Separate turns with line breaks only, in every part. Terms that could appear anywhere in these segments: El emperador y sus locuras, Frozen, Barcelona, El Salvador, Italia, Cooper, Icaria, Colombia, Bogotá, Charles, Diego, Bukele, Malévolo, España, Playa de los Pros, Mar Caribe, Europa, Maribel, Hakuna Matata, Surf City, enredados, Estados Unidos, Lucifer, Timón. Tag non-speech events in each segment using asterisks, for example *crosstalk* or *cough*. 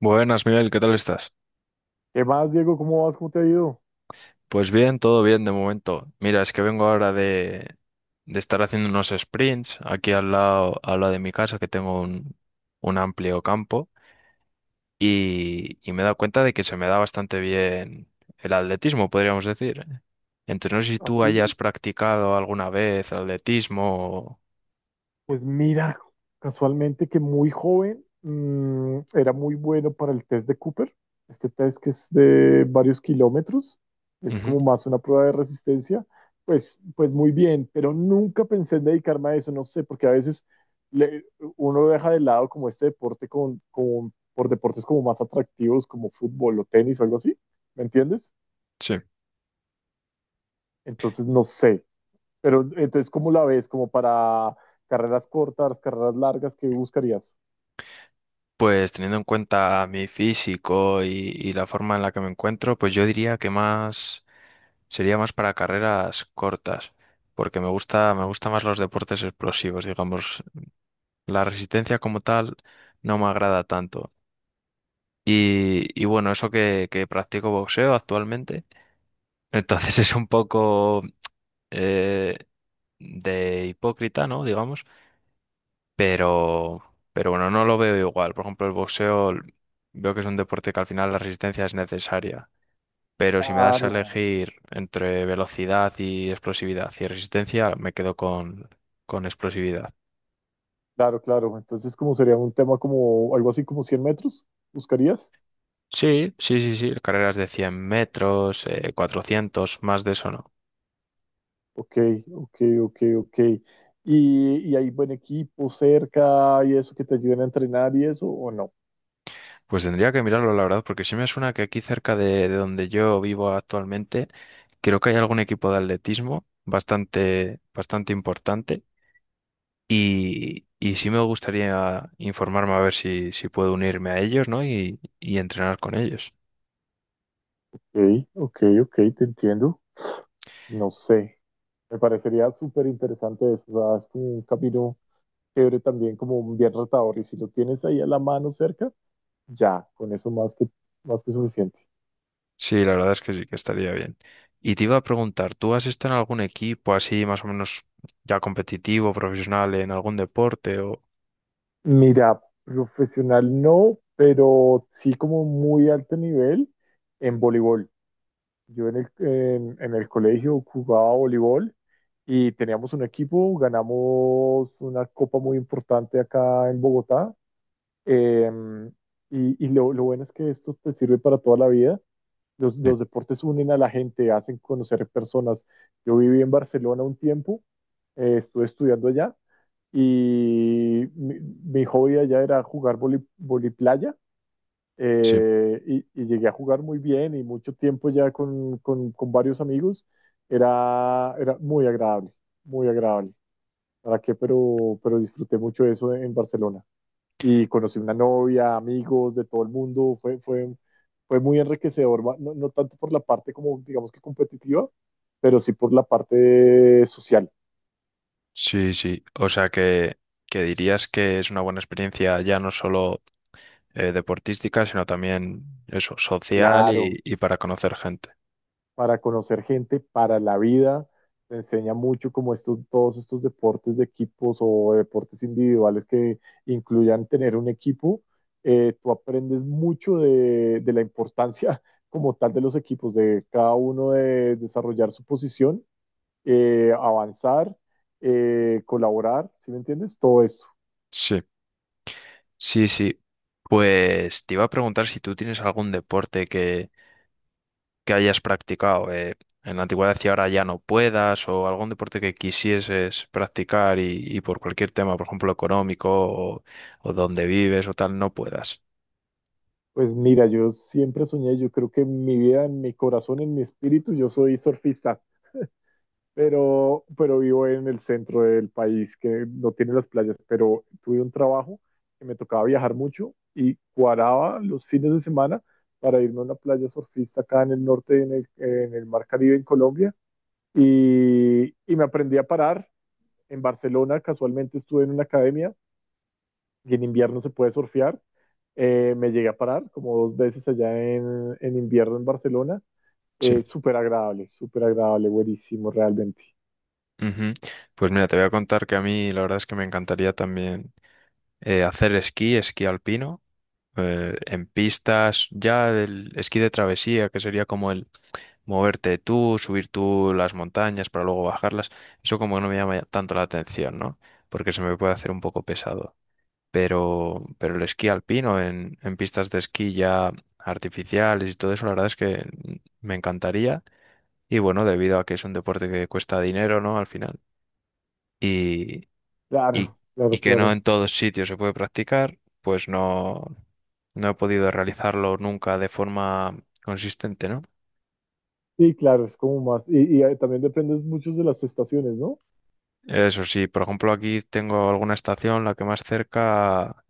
Buenas, Miguel, ¿qué tal estás?
¿Qué más, Diego? ¿Cómo vas? ¿Cómo te ha ido?
Pues bien, todo bien de momento. Mira, es que vengo ahora de estar haciendo unos sprints aquí al lado de mi casa, que tengo un amplio campo, y me he dado cuenta de que se me da bastante bien el atletismo, podríamos decir. Entonces, no sé si tú hayas
Así,
practicado alguna vez atletismo.
pues mira, casualmente que muy joven era muy bueno para el test de Cooper. Este test que es de varios kilómetros, es
Ujú.
como más una prueba de resistencia. Pues muy bien, pero nunca pensé en dedicarme a eso, no sé, porque a veces le- uno lo deja de lado como este deporte por deportes como más atractivos, como fútbol o tenis o algo así, ¿me entiendes?
Sí.
Entonces, no sé, pero entonces, ¿cómo la ves? ¿Como para carreras cortas, carreras largas? ¿Qué buscarías?
Pues teniendo en cuenta mi físico y la forma en la que me encuentro, pues yo diría que más. Sería más para carreras cortas, porque me gusta más los deportes explosivos, digamos. La resistencia como tal no me agrada tanto. Y bueno, eso que practico boxeo actualmente, entonces *laughs* es un poco eh, de hipócrita, ¿no? Digamos, pero, pero bueno, no lo veo igual. Por ejemplo, el boxeo veo que es un deporte que al final la resistencia es necesaria. Pero si me das a
Claro,
elegir entre velocidad y explosividad y resistencia, me quedo con explosividad.
claro, claro. Entonces, ¿cómo sería un tema como algo así como 100 metros? ¿Buscarías?
Sí, sí, sí, sí, carreras de 100 metros, 400, más de eso no.
Ok, ok, ok, ok. Y hay buen equipo cerca y eso que te ayuden a entrenar y eso o no?
Pues tendría que mirarlo, la verdad, porque sí me suena que aquí cerca de donde yo vivo actualmente, creo que hay algún equipo de atletismo bastante importante y sí me gustaría informarme a ver si puedo unirme a ellos, ¿no? Y entrenar con ellos.
Ok, ok, ok, te entiendo. No sé. Me parecería súper interesante eso. O sea, es como un camino chévere también, como bien retador. Y si lo tienes ahí a la mano cerca, ya, con eso más que suficiente.
Sí, la verdad es que sí, que estaría bien. Y te iba a preguntar, ¿tú has estado en algún equipo así más o menos ya competitivo, profesional, en algún deporte o...?
Mira, profesional no, pero sí como muy alto nivel en voleibol. Yo en el colegio jugaba voleibol y teníamos un equipo, ganamos una copa muy importante acá en Bogotá. em, y lo bueno es que esto te sirve para toda la vida. Los,
Sí,
los deportes unen a la gente, hacen conocer personas. Yo viví en Barcelona un tiempo, estuve estudiando allá y mi hobby allá era jugar voliplaya.
sí,
Y llegué a jugar muy bien y mucho tiempo ya con varios amigos. Era muy agradable, muy agradable. ¿Para qué? Pero disfruté mucho eso en Barcelona. Y conocí una novia, amigos de todo el mundo. Fue muy enriquecedor, no, no tanto por la parte como, digamos que competitiva, pero sí por la parte social.
sí, sí. O sea que dirías que es una buena experiencia ya no solo deportística, sino también eso, social
Claro,
y para conocer gente.
para conocer gente, para la vida. Te enseña mucho como estos, todos estos deportes de equipos o deportes individuales que incluyan tener un equipo. Tú aprendes mucho de la importancia *laughs* como tal de los equipos, de cada uno de desarrollar su posición, avanzar, colaborar, ¿sí me entiendes? Todo eso.
Sí, sí, sí. Pues te iba a preguntar si tú tienes algún deporte que hayas practicado en la antigüedad y ahora ya no puedas, o algún deporte que quisieses practicar y por cualquier tema, por ejemplo, económico o donde vives o tal, no puedas.
Pues mira, yo siempre soñé, yo creo que en mi vida, en mi corazón, en mi espíritu, yo soy surfista. Pero vivo en el centro del país que no tiene las playas, pero tuve un trabajo que me tocaba viajar mucho y cuadraba los fines de semana para irme a una playa surfista acá en el norte, en el Mar Caribe, en Colombia, y me aprendí a parar. En Barcelona casualmente estuve en una academia y en invierno se puede surfear. Me llegué a parar como dos veces allá en invierno en Barcelona.
Sí.
Súper agradable, buenísimo realmente.
Ujú. Pues mira, te voy a contar que a mí la verdad es que me encantaría también hacer esquí, esquí alpino, en pistas, ya el esquí de travesía, que sería como el moverte tú, subir tú las montañas para luego bajarlas, eso como que no me llama tanto la atención, ¿no? Porque se me puede hacer un poco pesado. Pero el esquí alpino en pistas de esquí ya artificiales y todo eso, la verdad es que me encantaría. Y bueno, debido a que es un deporte que cuesta dinero, ¿no? Al final. Y, y,
Claro, claro,
y que no
claro.
en todos sitios se puede practicar, pues no, no he podido realizarlo nunca de forma consistente, ¿no?
Y claro, es como también dependes mucho de las estaciones, ¿no?
Eso sí, por ejemplo, aquí tengo alguna estación, la que más cerca,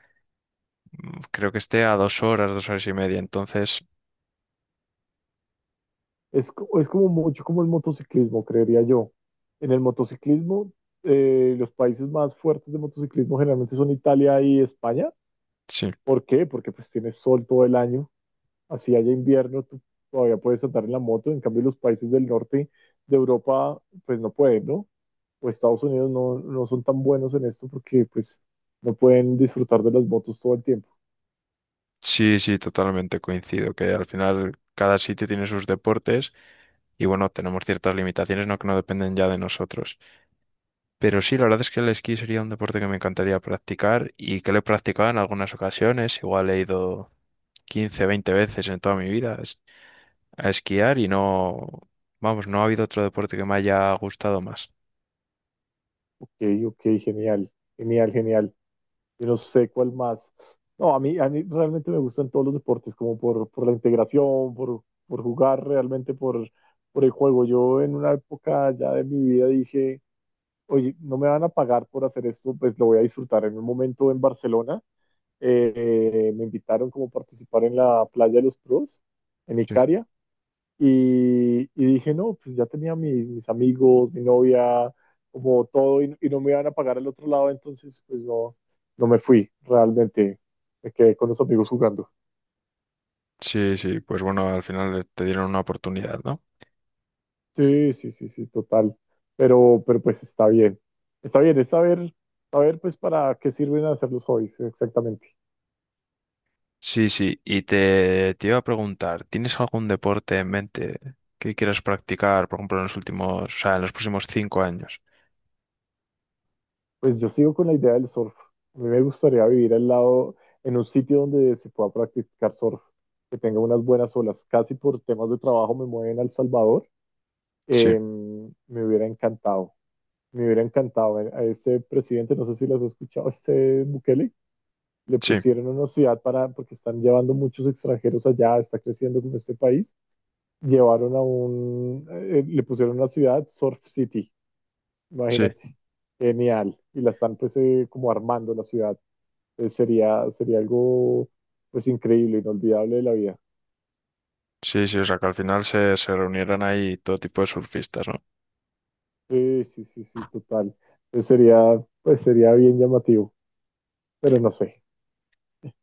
creo que esté a 2 horas, 2 horas y media. Entonces,
Es, es como mucho como el motociclismo, creería yo. En el motociclismo, los países más fuertes de motociclismo generalmente son Italia y España.
sí.
¿Por qué? Porque pues tienes sol todo el año, así haya invierno, tú todavía puedes andar en la moto. En cambio, los países del norte de Europa, pues no pueden, ¿no? O Estados Unidos no, no son tan buenos en esto porque pues no pueden disfrutar de las motos todo el tiempo.
Sí, sí, totalmente coincido, que al final cada sitio tiene sus deportes y bueno, tenemos ciertas limitaciones, ¿no? Que no dependen ya de nosotros. Pero sí, la verdad es que el esquí sería un deporte que me encantaría practicar y que lo he practicado en algunas ocasiones, igual he ido 15, 20 veces en toda mi vida a esquiar y no, vamos, no ha habido otro deporte que me haya gustado más.
Ok, ok, genial, genial, genial. Yo no sé cuál más. No, a mí realmente me gustan todos los deportes, como por la integración, por jugar realmente, por el juego. Yo en una época ya de mi vida dije, oye, no me van a pagar por hacer esto, pues lo voy a disfrutar. En un momento en Barcelona me invitaron como a participar en la Playa de los Pros, en
Sí,
Icaria y dije, no, pues ya tenía mis amigos, mi novia, como todo, y no me iban a pagar al otro lado, entonces pues no, no me fui realmente. Me quedé con los amigos jugando.
sí, sí, pues bueno, al final te dieron una oportunidad, ¿no?
Sí, sí, sí, sí, total. Pero pues está bien. Está bien, es saber, saber pues para qué sirven hacer los hobbies, exactamente.
Sí, sí, y te iba a preguntar, ¿tienes algún deporte en mente que quieras practicar, por ejemplo, en los últimos, o sea, en los próximos cinco años?
Pues yo sigo con la idea del surf. A mí me gustaría vivir al lado, en un sitio donde se pueda practicar surf, que tenga unas buenas olas. Casi por temas de trabajo me mueven a El Salvador.
Sí,
Me hubiera encantado, me hubiera encantado. A ese presidente, no sé si lo has escuchado, este Bukele, le
sí,
pusieron una ciudad para, porque están llevando muchos extranjeros allá, está creciendo como este país. Llevaron a un, le pusieron una ciudad, Surf City,
sí,
imagínate, genial. Y la están pues como armando la ciudad. Entonces, sería, sería algo pues increíble, inolvidable de la vida.
sí, sí, o sea, que al final se, se reunieran ahí todo tipo de surfistas, ¿no?
Sí, sí, sí, sí, total. Entonces, sería, pues sería bien llamativo, pero no sé.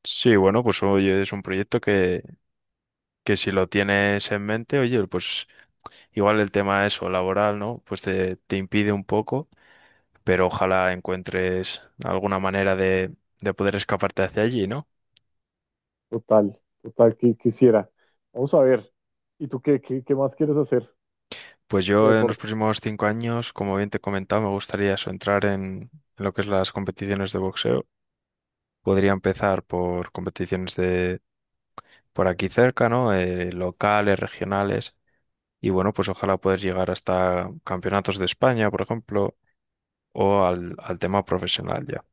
Sí, bueno, pues oye, es un proyecto que si lo tienes en mente, oye, pues igual el tema eso, laboral, ¿no? Pues te impide un poco, pero ojalá encuentres alguna manera de poder escaparte hacia allí, ¿no?
Total, total, que quisiera. Vamos a ver. ¿Y tú qué, qué, qué más quieres hacer
Pues
de
yo en los
deporte?
próximos 5 años, como bien te he comentado, me gustaría eso, entrar en, lo que es las competiciones de boxeo. Podría empezar por competiciones de por aquí cerca, ¿no? Locales, regionales. Y bueno, pues ojalá poder llegar hasta campeonatos de España, por ejemplo, o al tema profesional ya.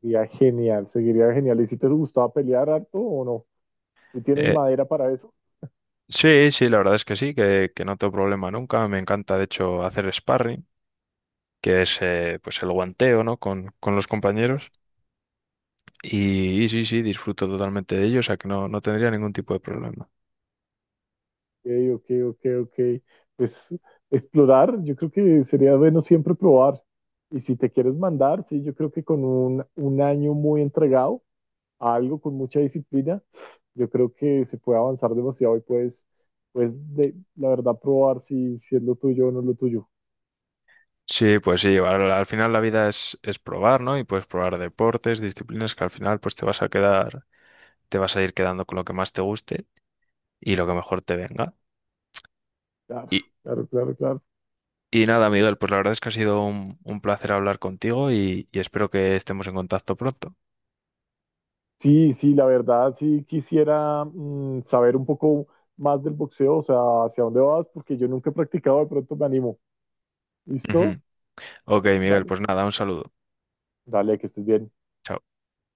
Sería genial, seguiría genial. ¿Y si te gustaba pelear harto o no? ¿Y tienes
Eh,
madera para eso?
sí, sí, la verdad es que sí, que no tengo problema nunca. Me encanta, de hecho, hacer sparring, que es pues el guanteo, ¿no? Con los compañeros. Y sí, sí, disfruto totalmente de ello, o sea que no, no tendría ningún tipo de problema.
Ok, ok, ok, ok. Pues explorar, yo creo que sería bueno siempre probar. Y si te quieres mandar, sí, yo creo que con un año muy entregado a algo con mucha disciplina, yo creo que se puede avanzar demasiado y puedes, pues, de, la verdad, probar si, si es lo tuyo o no es lo tuyo.
Sí, pues sí, al final la vida es probar, ¿no? Y puedes probar deportes, disciplinas que al final pues te vas a quedar, te vas a ir quedando con lo que más te guste y lo que mejor te venga.
Claro,
Y,
claro, claro, claro.
y nada, Miguel, pues la verdad es que ha sido un placer hablar contigo y espero que estemos en contacto pronto.
Sí, sí, la verdad, sí quisiera saber un poco más del boxeo, o sea, hacia dónde vas, porque yo nunca he practicado, de pronto me animo. ¿Listo?
Ujú. Ok, Miguel,
Dale.
pues nada, un saludo.
Dale, que estés bien.
Chao.